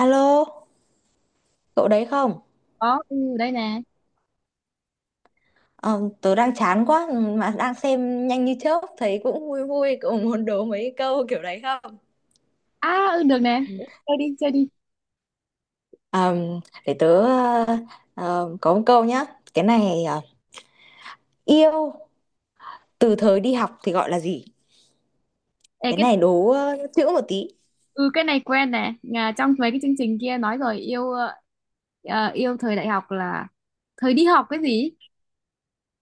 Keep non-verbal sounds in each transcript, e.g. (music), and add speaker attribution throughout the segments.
Speaker 1: Alo, cậu đấy không?
Speaker 2: Có, ừ, đây nè.
Speaker 1: Ờ, tớ đang chán quá mà đang xem nhanh như chớp thấy cũng vui vui cậu muốn đố mấy câu kiểu đấy không?
Speaker 2: À, ừ, được nè. Chơi đi, chơi đi.
Speaker 1: Ờ, để tớ, có một câu nhá. Cái này yêu từ thời đi học thì gọi là gì?
Speaker 2: Ê,
Speaker 1: Cái
Speaker 2: cái...
Speaker 1: này đố chữ một tí.
Speaker 2: ừ, cái này quen nè. Nhà, trong mấy cái chương trình kia nói rồi. Yêu yêu thời đại học là thời đi học cái gì?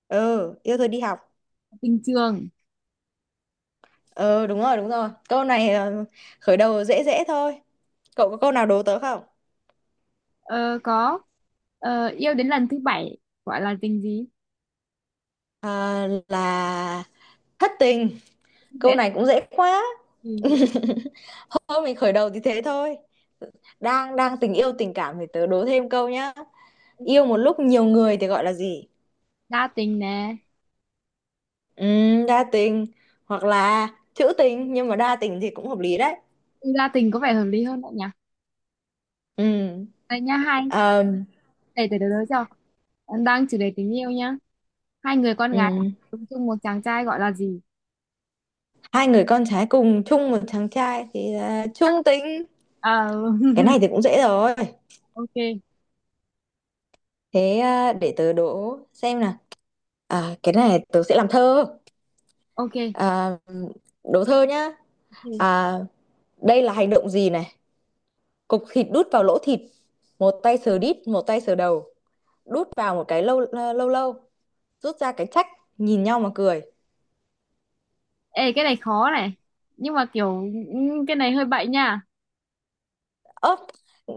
Speaker 1: Ừ, yêu thời đi học.
Speaker 2: Tình trường.
Speaker 1: Ừ, đúng rồi, đúng rồi. Câu này khởi đầu dễ dễ thôi. Cậu có câu nào đố tớ không?
Speaker 2: Ờ, có. Ờ, yêu đến lần thứ bảy gọi là tình gì?
Speaker 1: Ờ, là thất tình. Câu
Speaker 2: Dễ.
Speaker 1: này cũng dễ quá.
Speaker 2: Ừ, dễ.
Speaker 1: (laughs) Thôi mình khởi đầu thì thế thôi. Đang đang tình yêu tình cảm thì tớ đố thêm câu nhá. Yêu một lúc nhiều người thì gọi là gì?
Speaker 2: Đa tình nè.
Speaker 1: Đa tình, hoặc là trữ tình, nhưng mà đa tình thì cũng hợp lý đấy.
Speaker 2: Ừ, đa tình có vẻ hợp lý hơn đấy nhỉ.
Speaker 1: Ừm,
Speaker 2: Đây nha, hai...
Speaker 1: ờm,
Speaker 2: để đối cho. Đang chủ đề tình yêu nhá. Hai người con gái
Speaker 1: ừm.
Speaker 2: ở chung một chàng trai gọi là gì?
Speaker 1: Hai người con trai cùng chung một chàng trai thì là chung tình.
Speaker 2: Ờ,
Speaker 1: Cái
Speaker 2: (laughs)
Speaker 1: này thì cũng dễ rồi.
Speaker 2: ok.
Speaker 1: Thế à, để tớ đố xem nào. À, cái này tớ sẽ làm thơ.
Speaker 2: Ok.
Speaker 1: À, đố thơ nhá.
Speaker 2: Ừ.
Speaker 1: À, đây là hành động gì này? Cục thịt đút vào lỗ thịt, một tay sờ đít một tay sờ đầu, đút vào một cái lâu, lâu lâu, rút ra cái trách, nhìn nhau mà cười.
Speaker 2: Ê, cái này khó này. Nhưng mà kiểu, ừ, cái này hơi bậy nha.
Speaker 1: Ớp.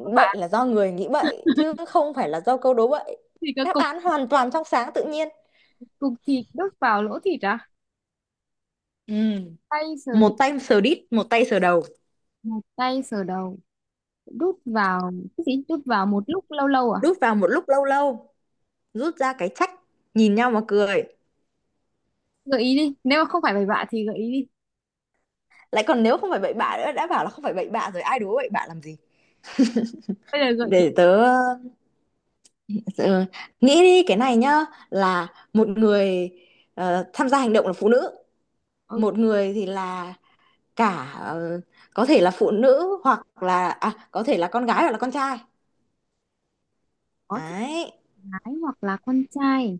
Speaker 2: Có
Speaker 1: Bệnh
Speaker 2: phải
Speaker 1: là do người nghĩ bậy chứ không phải là do câu đố bậy.
Speaker 2: thì cái
Speaker 1: Đáp
Speaker 2: cục,
Speaker 1: án hoàn toàn trong sáng tự nhiên.
Speaker 2: cục thịt đút vào lỗ thịt à?
Speaker 1: Ừ.
Speaker 2: Tay sờ đi,
Speaker 1: Một tay sờ đít một tay sờ đầu,
Speaker 2: một tay sờ đầu, đút vào cái gì, đút vào một lúc lâu lâu à?
Speaker 1: đút vào một lúc lâu lâu, rút ra cái trách, nhìn nhau mà cười.
Speaker 2: Gợi ý đi, nếu mà không phải bậy bạ thì gợi ý đi.
Speaker 1: Lại còn nếu không phải bậy bạ nữa, đã bảo là không phải bậy bạ rồi, ai đố bậy bạ làm gì.
Speaker 2: Bây giờ gợi ý.
Speaker 1: Để tớ, ừ, nghĩ đi cái này nhá. Là một người, tham gia hành động là phụ nữ.
Speaker 2: Ừ,
Speaker 1: Một người thì là cả, có thể là phụ nữ, hoặc là, à, có thể là con gái hoặc là con trai.
Speaker 2: có thể
Speaker 1: Đấy.
Speaker 2: gái hoặc là con trai.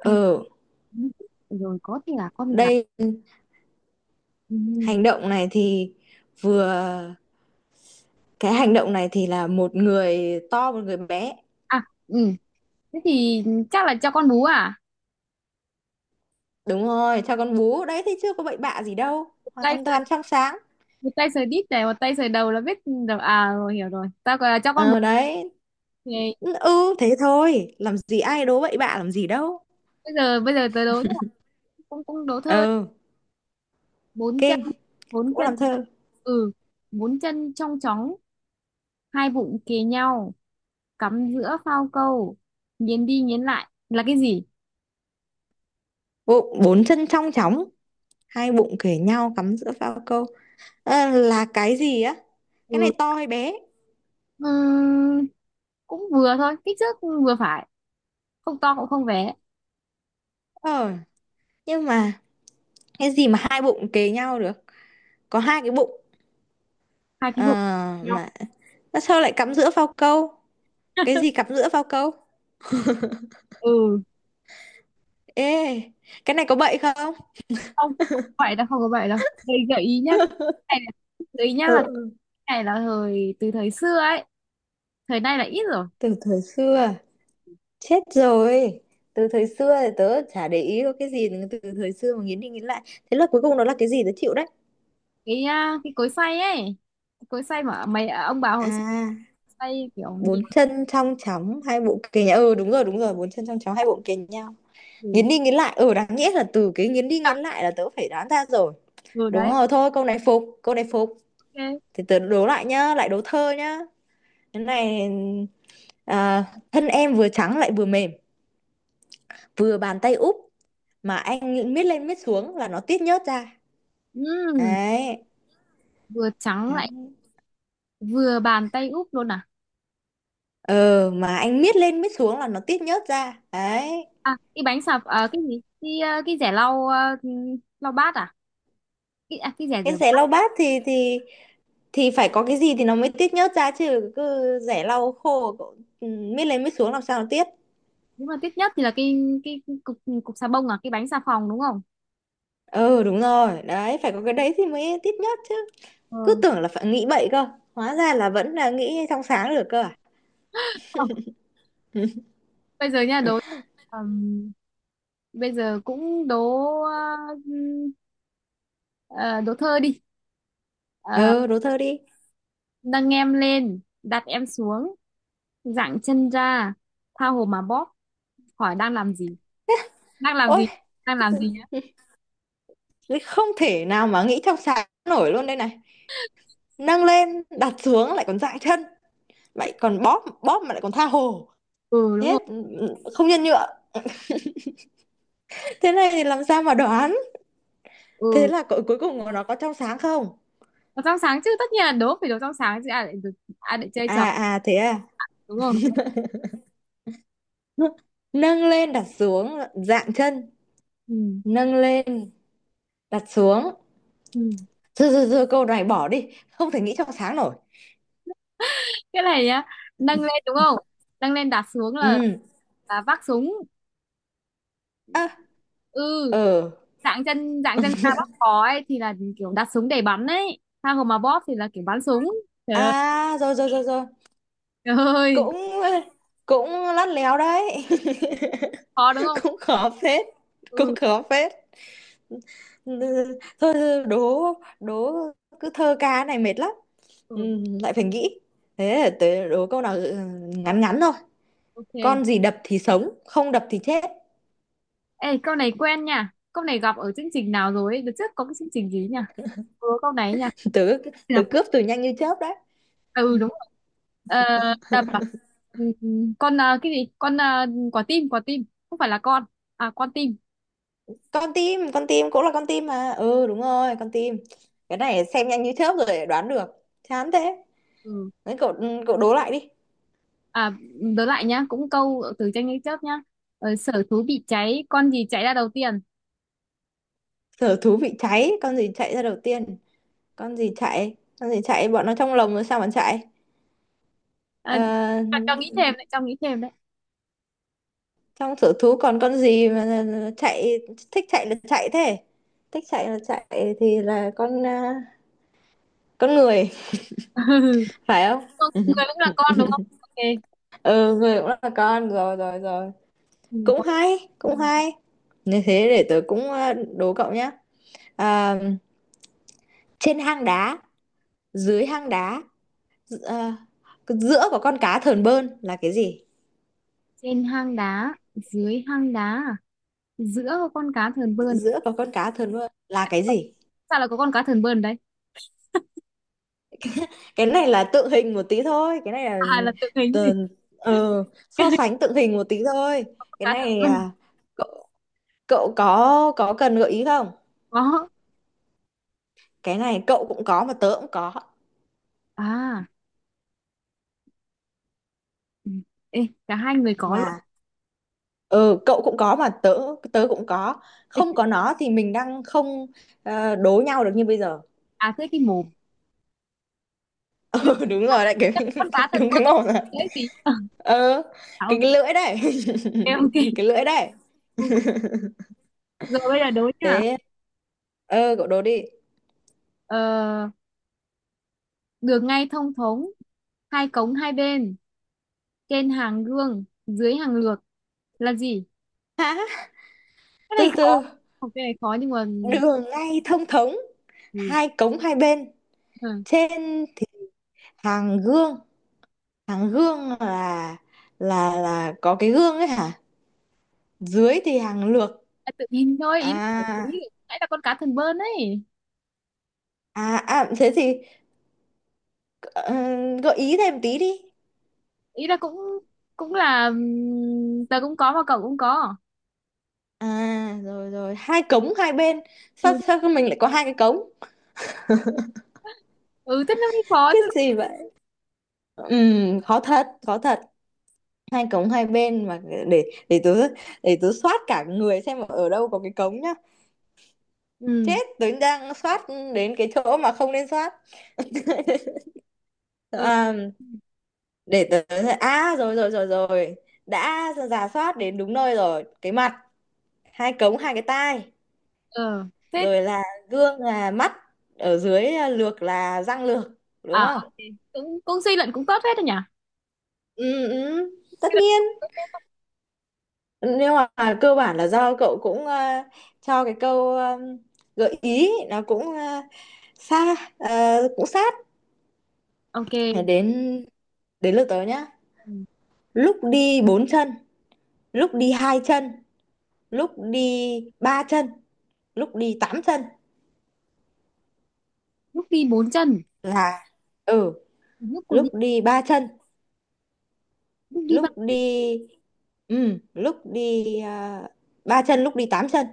Speaker 2: Hay
Speaker 1: Ở
Speaker 2: rồi, có thể là con gái.
Speaker 1: đây
Speaker 2: Ừ.
Speaker 1: hành động này thì vừa, cái hành động này thì là một người to một người bé.
Speaker 2: À, ừ, thế thì chắc là cho con bú à.
Speaker 1: Đúng rồi, cho con bú đấy thì chưa có bậy bạ gì đâu,
Speaker 2: Tay
Speaker 1: hoàn toàn trong sáng.
Speaker 2: một tay sờ đít này, một tay sờ đầu là biết được à. Rồi hiểu rồi, tao gọi là cho con bốn
Speaker 1: Ờ, đấy.
Speaker 2: thì.
Speaker 1: Ừ, thế thôi, làm gì ai đố bậy bạ làm gì đâu.
Speaker 2: Bây giờ, bây giờ tớ đố nhá. Cũng cũng đố thôi.
Speaker 1: Ờ.
Speaker 2: Bốn chân.
Speaker 1: Kinh.
Speaker 2: Bốn
Speaker 1: Cũng
Speaker 2: chân.
Speaker 1: làm thơ.
Speaker 2: Ừ, bốn chân trong chóng, hai bụng kề nhau, cắm giữa phao câu, nghiến đi nghiến lại là cái gì?
Speaker 1: Bốn chân trong chóng, hai bụng kề nhau, cắm giữa phao câu. Ờ, là cái gì á? Cái
Speaker 2: Ừ.
Speaker 1: này to hay bé?
Speaker 2: Ừm, cũng vừa thôi, kích thước vừa phải, không to cũng không bé.
Speaker 1: Ờ, nhưng mà cái gì mà hai bụng kề nhau được? Có hai cái bụng.
Speaker 2: Hai cái
Speaker 1: Ờ,
Speaker 2: bụng. Nhau.
Speaker 1: mà mà sao lại cắm giữa phao câu? Cái gì cắm giữa phao câu?
Speaker 2: Ừ,
Speaker 1: Ê, cái này có bậy không?
Speaker 2: không, không vậy đâu, không có vậy đâu. Đây, gợi ý nhá. cái này là- Gợi ý nhá,
Speaker 1: Ừ,
Speaker 2: là
Speaker 1: ừ,
Speaker 2: cái này là thời, từ thời xưa ấy, thời nay là ít rồi.
Speaker 1: từ thời xưa. Chết rồi, từ thời xưa thì tớ chả để ý có cái gì từ thời xưa mà nghiến đi nghiến lại. Thế là cuối cùng nó là cái gì, tớ chịu đấy.
Speaker 2: Cái, à, cái cối xay ấy. Cái cối xay mà mày ông bà
Speaker 1: À,
Speaker 2: hồi xưa xay kiểu nhiều
Speaker 1: bốn chân trong chóng, hai bụng kề nhau, ừ đúng rồi đúng rồi, bốn chân trong chóng hai bụng kề nhau, nghiến
Speaker 2: thì...
Speaker 1: đi nghiến lại. Ừ, đáng nhẽ là từ cái nghiến đi nghiến lại là tớ phải đoán ra rồi.
Speaker 2: vừa
Speaker 1: Đúng
Speaker 2: đấy.
Speaker 1: rồi, thôi câu này phục, câu này phục.
Speaker 2: Ok.
Speaker 1: Thì tớ đố lại nhá, lại đố thơ nhá. Cái này, à, thân em vừa trắng lại vừa mềm, vừa bàn tay úp, mà anh miết lên miết xuống là nó tiết nhớt ra
Speaker 2: Ừm,
Speaker 1: đấy.
Speaker 2: vừa trắng
Speaker 1: Đấy.
Speaker 2: lại, vừa bàn tay úp luôn à?
Speaker 1: Ờ mà anh miết lên miết xuống là nó tiết nhớt ra đấy.
Speaker 2: À, cái bánh xà, à, cái gì, cái, à, cái rẻ lau, à, lau bát à, cái, à, cái rẻ
Speaker 1: Cái
Speaker 2: rửa
Speaker 1: rẻ
Speaker 2: bát.
Speaker 1: lau bát thì, thì phải có cái gì thì nó mới tiết nhớt ra chứ, cứ rẻ lau khô cậu, miết lên miết xuống làm sao nó tiết.
Speaker 2: Đúng là tiếc nhất thì là cái cục, cục xà bông, à, cái bánh xà phòng đúng không?
Speaker 1: Ừ đúng rồi đấy, phải có cái đấy thì mới tít nhất chứ. Cứ
Speaker 2: Ừ.
Speaker 1: tưởng là phải nghĩ bậy cơ, hóa ra là vẫn là nghĩ trong sáng được cơ à.
Speaker 2: Ờ, bây giờ nha, đố. ừm, Bây giờ cũng đố, ừm, đố thơ đi. Ờ,
Speaker 1: Ừ, đố thơ đi.
Speaker 2: nâng em lên, đặt em xuống, dạng chân ra, tha hồ mà bóp, hỏi đang làm gì? Đang làm
Speaker 1: Ôi.
Speaker 2: gì?
Speaker 1: (laughs)
Speaker 2: Đang làm gì nhá?
Speaker 1: Đấy, không thể nào mà nghĩ trong sáng nổi luôn đây này. Nâng lên đặt xuống lại còn dại chân, lại còn bóp bóp mà lại còn tha hồ.
Speaker 2: Ừ, đúng
Speaker 1: Thế
Speaker 2: rồi.
Speaker 1: không nhân nhượng, thế này thì làm sao mà đoán? Thế
Speaker 2: Ừ.
Speaker 1: là cuối cùng của nó có trong sáng không?
Speaker 2: Đồ trong sáng chứ, tất nhiên là đố phải đồ trong sáng chứ, ai lại được, ai lại chơi trò.
Speaker 1: À à, Thế à.
Speaker 2: Đúng không?
Speaker 1: (laughs) Nâng lên đặt xuống dạn chân,
Speaker 2: Ừ.
Speaker 1: nâng lên đặt xuống.
Speaker 2: Ừ.
Speaker 1: Thôi, thôi, thôi, câu này bỏ đi, không thể nghĩ trong sáng nổi.
Speaker 2: Cái này nhá, nâng lên đúng không? Nâng lên đặt xuống
Speaker 1: Ừ,
Speaker 2: là vác súng.
Speaker 1: à,
Speaker 2: Ừ,
Speaker 1: ờ,
Speaker 2: dạng chân, dạng chân ra bóp cò ấy thì là kiểu đặt súng để bắn ấy. Tha hồ mà bóp thì là kiểu bắn súng. Trời ơi,
Speaker 1: à, rồi, rồi, rồi, rồi.
Speaker 2: trời ơi.
Speaker 1: Cũng, cũng lắt léo đấy.
Speaker 2: Khó đúng không?
Speaker 1: (laughs) Cũng khó phết, cũng
Speaker 2: Ừ.
Speaker 1: khó phết. Ừ, thôi, thôi, đố, đố, cứ thơ ca này mệt lắm. Ừ,
Speaker 2: Ừ.
Speaker 1: lại phải nghĩ. Thế, tớ đố câu nào ngắn ngắn thôi.
Speaker 2: Ok.
Speaker 1: Con gì đập thì sống, không đập thì chết?
Speaker 2: Ê, câu này quen nha. Câu này gặp ở chương trình nào rồi ấy? Đợt trước có cái chương trình gì nhỉ? Ừ, câu này ấy nhỉ?
Speaker 1: (laughs) Tớ,
Speaker 2: Thế nào?
Speaker 1: tớ cướp từ nhanh như chớp đấy.
Speaker 2: À, ừ, đúng rồi. Ờ, tập à? Ừ, ừ. Con à, cái gì? Con à, quả tim, quả tim. Không phải là con. À, con tim.
Speaker 1: Con tim, con tim cũng là con tim mà, ừ đúng rồi, con tim. Cái này xem nhanh như chớp rồi đoán được, chán thế.
Speaker 2: Ừ.
Speaker 1: Đấy cậu, ừ, đố lại đi.
Speaker 2: À, đớ lại nhá. Cũng câu từ tranh lấy chớp nhá. Ờ, sở thú bị cháy, con gì chạy ra đầu tiên?
Speaker 1: Sở thú bị cháy, con gì chạy ra đầu tiên? Con gì chạy, con gì chạy, bọn nó trong lồng rồi sao mà chạy?
Speaker 2: Ờ, à,
Speaker 1: Ờ,
Speaker 2: cho nghĩ thêm đấy, cho nghĩ thêm đấy.
Speaker 1: trong sở thú còn con gì mà chạy? Thích chạy là chạy thế, thích chạy là chạy thì là con, con người.
Speaker 2: (laughs)
Speaker 1: (laughs) Phải không?
Speaker 2: Con- người cũng là con đúng không? Ok.
Speaker 1: Ừ, người cũng là con, rồi rồi rồi.
Speaker 2: Ừ,
Speaker 1: Cũng
Speaker 2: con-.
Speaker 1: hay, cũng hay. Như thế để tớ cũng, đố cậu nhé. Ờ, trên hang đá, dưới hang đá, ờ, giữa có con cá thờn bơn là cái gì?
Speaker 2: Trên hang đá, dưới hang đá, à? Giữa con cá thờn bơn.
Speaker 1: Giữa có con cá thờn bơn là cái gì?
Speaker 2: Sao lại có con cá thần bơn đấy? (laughs)
Speaker 1: Cái này là tượng hình một tí thôi, cái này là,
Speaker 2: À, là tượng hình gì?
Speaker 1: ờ, ờ, so sánh tượng hình một tí thôi.
Speaker 2: Con
Speaker 1: Cái
Speaker 2: cá thần
Speaker 1: này,
Speaker 2: bơn.
Speaker 1: à, cậu, cậu có cần gợi ý không?
Speaker 2: Có.
Speaker 1: Cái này cậu cũng có mà tớ cũng có.
Speaker 2: À, ừ. Ê, cả hai người có luôn.
Speaker 1: Mà, ừ cậu cũng có mà tớ tớ cũng có.
Speaker 2: Ê,
Speaker 1: Không có nó thì mình đang không, đố nhau được như bây giờ.
Speaker 2: à, thế cái mồm. Cái...
Speaker 1: Ừ, đúng rồi đấy cái
Speaker 2: Con cá
Speaker 1: (laughs)
Speaker 2: thần
Speaker 1: đúng
Speaker 2: bơn
Speaker 1: cái màu rồi.
Speaker 2: đấy, gì? (laughs) À,
Speaker 1: Ờ,
Speaker 2: ok.
Speaker 1: cái lưỡi đấy. (laughs)
Speaker 2: Ok.
Speaker 1: Cái lưỡi đấy.
Speaker 2: Ừ. Rồi bây giờ đối nhá.
Speaker 1: Thế cậu đố đi.
Speaker 2: Ờ, đường ngay thông thống, hai cống hai bên, trên hàng gương dưới hàng lược, là gì?
Speaker 1: Hả?
Speaker 2: Cái này
Speaker 1: Từ
Speaker 2: khó.
Speaker 1: từ.
Speaker 2: Không, cái này khó nhưng mà...
Speaker 1: Đường ngay thông thống,
Speaker 2: Ừ.
Speaker 1: hai cống hai bên,
Speaker 2: Ừ.
Speaker 1: trên hàng gương. Hàng gương là, có cái gương ấy hả? Dưới thì hàng lược.
Speaker 2: À, tự nhiên thôi, ý là phải-
Speaker 1: à
Speaker 2: ý- nãy là con cá thần bơn ấy.
Speaker 1: À, thế thì, ờ, gợi ý thêm tí đi.
Speaker 2: Ý là cũng, cũng là, tớ cũng có mà cậu cũng có.
Speaker 1: À rồi rồi, hai cống hai bên. Sao
Speaker 2: Ừ.
Speaker 1: Sao mình lại có hai cái cống?
Speaker 2: Ừ, thế nó mới khó
Speaker 1: Cái
Speaker 2: chứ.
Speaker 1: gì vậy? Khó thật, khó thật. Hai cống hai bên mà. Để tớ, để tớ soát cả người xem ở đâu có cái cống nhá.
Speaker 2: Ừ.
Speaker 1: Chết, tớ đang soát đến cái chỗ mà không nên soát.
Speaker 2: Ừ,
Speaker 1: À, để tớ. À rồi rồi rồi rồi, đã rà soát đến đúng nơi rồi, cái mặt. Hai cống hai cái tai,
Speaker 2: ừ, thế
Speaker 1: rồi là gương là mắt, ở dưới, à, lược là răng lược, đúng
Speaker 2: à.
Speaker 1: không?
Speaker 2: Ok. Cũng, cũng suy luận cũng tốt hết rồi nhỉ.
Speaker 1: Ừ, ừ,
Speaker 2: Suy
Speaker 1: tất
Speaker 2: luận.
Speaker 1: nhiên. Nhưng mà cơ bản là do cậu cũng, cho cái câu, gợi ý nó cũng, xa, cũng sát.
Speaker 2: Ok.
Speaker 1: Thế đến đến lượt tớ nhá.
Speaker 2: Ừ.
Speaker 1: Lúc đi bốn chân, lúc đi hai chân, lúc đi ba chân, lúc đi tám chân
Speaker 2: Lúc đi bốn chân.
Speaker 1: là, ừ,
Speaker 2: Lúc còn
Speaker 1: lúc
Speaker 2: đi.
Speaker 1: đi ba chân,
Speaker 2: Lúc đi ba.
Speaker 1: lúc đi ừ lúc đi ờ, ba chân, lúc đi tám chân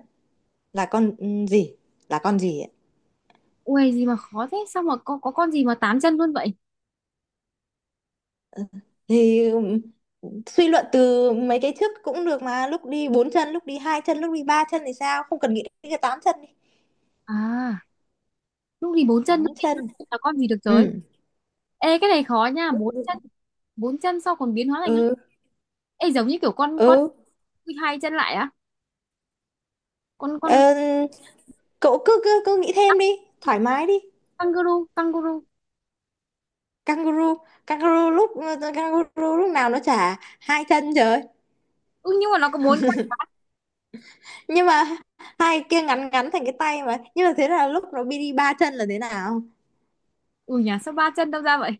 Speaker 1: là con, gì, là con gì ấy?
Speaker 2: Ui, gì mà khó thế, sao mà có con gì mà tám chân luôn vậy.
Speaker 1: Thì suy luận từ mấy cái trước cũng được, mà lúc đi bốn chân lúc đi hai chân lúc đi ba chân thì sao không cần nghĩ đến cái tám chân đi.
Speaker 2: À, lúc đi bốn chân, lúc
Speaker 1: Tám
Speaker 2: đi năm
Speaker 1: chân.
Speaker 2: chân là con gì được rồi.
Speaker 1: Ừ
Speaker 2: Ê, cái này khó nha. Bốn chân. Bốn chân sau còn biến hóa thành hai-
Speaker 1: ừ
Speaker 2: Ê, giống như kiểu con
Speaker 1: ừ.
Speaker 2: con hai chân lại á. Con
Speaker 1: Ờ, cậu cứ cứ cứ nghĩ thêm đi, thoải mái đi.
Speaker 2: kangaroo, kangaroo.
Speaker 1: Kangaroo kangaroo lúc kangaroo lúc nào nó chả hai chân trời.
Speaker 2: Ừ, nhưng mà nó có bốn.
Speaker 1: Nhưng mà hai kia ngắn ngắn thành cái tay mà, nhưng mà thế là lúc nó đi đi ba chân là thế nào?
Speaker 2: Ừ nhỉ, sao ba chân đâu ra vậy?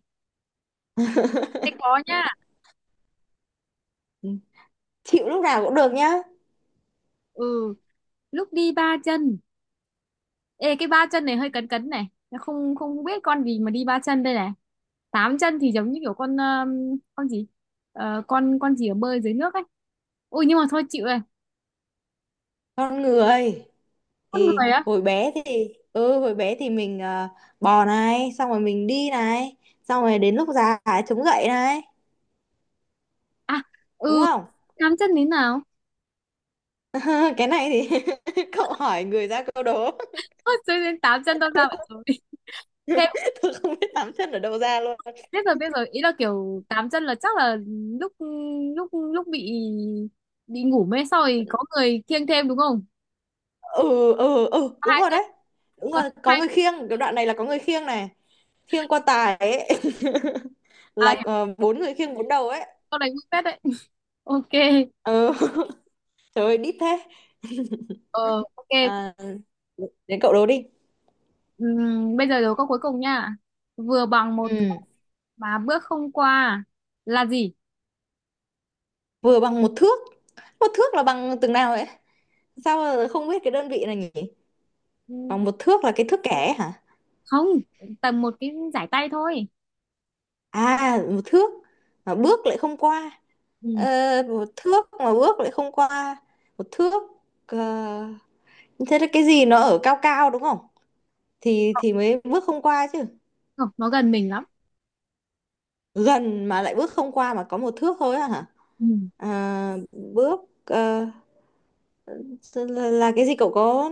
Speaker 2: Thế có nha.
Speaker 1: Ừ, chịu, lúc nào cũng được nhá.
Speaker 2: Ừ, lúc đi ba chân. Ê, cái ba chân này hơi cấn cấn này. Nó không, không biết con gì mà đi ba chân đây này. Tám chân thì giống như kiểu con, con gì. Ờ, con gì ở bơi dưới nước ấy. Ui, nhưng mà thôi chịu rồi.
Speaker 1: Con người
Speaker 2: Con
Speaker 1: thì
Speaker 2: người á?
Speaker 1: hồi bé thì, mình, bò này, xong rồi mình đi này, xong rồi đến lúc già phải chống gậy này,
Speaker 2: À,
Speaker 1: đúng
Speaker 2: ừ.
Speaker 1: không?
Speaker 2: Tám chân thế nào? (laughs)
Speaker 1: (laughs) Cái này thì, (laughs) cậu hỏi người ra câu đố.
Speaker 2: Ôi, tự... Tám chân đâu ra vậy rồi? (laughs) Thế.
Speaker 1: (laughs) Tôi không biết tám chân ở đâu ra luôn.
Speaker 2: Biết rồi, biết rồi, ý là kiểu tám chân là chắc là lúc, lúc lúc bị ngủ mê xong rồi có người kiêng thêm đúng không?
Speaker 1: Ừ ừ ừ,
Speaker 2: Có
Speaker 1: đúng
Speaker 2: hai
Speaker 1: rồi
Speaker 2: thêm.
Speaker 1: đấy, đúng
Speaker 2: Có
Speaker 1: rồi, có
Speaker 2: hai.
Speaker 1: người khiêng, cái đoạn này là có người khiêng này, khiêng quan tài ấy. (laughs)
Speaker 2: À,
Speaker 1: Là, bốn người khiêng bốn đầu ấy.
Speaker 2: câu đánh phết đấy. Ok.
Speaker 1: Ừ. (laughs) Trời ơi đít thế.
Speaker 2: Ờ, ok.
Speaker 1: À, đến cậu đố đi.
Speaker 2: Bây giờ đố câu cuối cùng nha. Vừa bằng một thước,
Speaker 1: Ừ,
Speaker 2: mà bước không qua, là gì?
Speaker 1: vừa bằng một thước. Một thước là bằng từng nào ấy? Sao mà không biết cái đơn vị này nhỉ.
Speaker 2: Ừm,
Speaker 1: Bằng một thước là cái thước kẻ hả?
Speaker 2: không, tầm một cái giải tay thôi.
Speaker 1: À, một thước mà bước lại không qua.
Speaker 2: Ừm,
Speaker 1: ờ, Một thước mà bước lại không qua. Một thước, ờ, thế là cái gì nó ở cao cao đúng không, thì mới bước không qua chứ.
Speaker 2: không, nó gần mình lắm.
Speaker 1: Gần mà lại bước không qua mà có một thước thôi á hả?
Speaker 2: Ừm,
Speaker 1: À, bước, là cái gì, cậu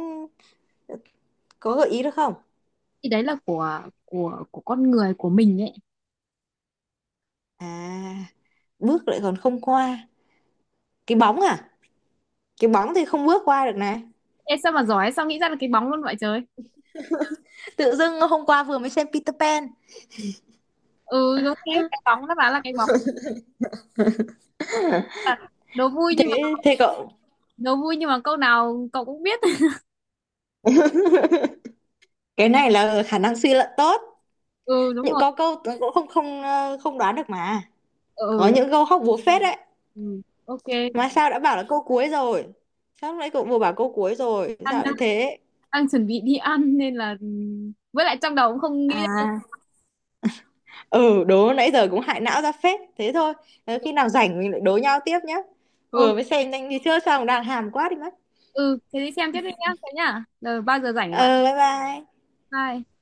Speaker 1: có gợi ý được không?
Speaker 2: thì đấy là của con người của mình ấy.
Speaker 1: À, bước lại còn không qua. Cái bóng à? Cái bóng thì không bước qua được này.
Speaker 2: Ê, sao mà giỏi, sao nghĩ ra được cái bóng luôn vậy trời.
Speaker 1: Tự dưng hôm qua vừa mới xem Peter Pan.
Speaker 2: Ừ, đúng thế, cái bóng, nó bảo là cái bóng. Đố vui nhưng mà...
Speaker 1: Thế Thế cậu,
Speaker 2: đố vui nhưng mà câu nào cậu cũng biết. (laughs)
Speaker 1: cái này là khả năng suy luận tốt.
Speaker 2: Ừ, đúng
Speaker 1: Những
Speaker 2: rồi.
Speaker 1: có câu cũng không không ờ, không đoán được mà,
Speaker 2: Ừ,
Speaker 1: có
Speaker 2: ừ.
Speaker 1: những câu hóc búa phết đấy.
Speaker 2: Ừ. Ok.
Speaker 1: Mà sao đã bảo là câu cuối rồi, sao lúc nãy cậu vừa bảo câu cuối rồi
Speaker 2: Đang,
Speaker 1: sao
Speaker 2: đang,
Speaker 1: lại thế?
Speaker 2: đang chuẩn bị đi ăn nên là, với lại trong đầu cũng không nghĩ ra.
Speaker 1: À, ừ, đố nãy giờ cũng hại não ra phết thế thôi. Ờ, khi nào rảnh mình lại đố nhau tiếp nhé,
Speaker 2: Ừ,
Speaker 1: vừa mới xem nhanh đi chưa xong đang hàm quá đi mất.
Speaker 2: ừ, thế đi xem tiếp đi nhá, thế nhá, rồi bao giờ rảnh thì
Speaker 1: Ờ,
Speaker 2: gọi
Speaker 1: bye bye.
Speaker 2: lại. Bye.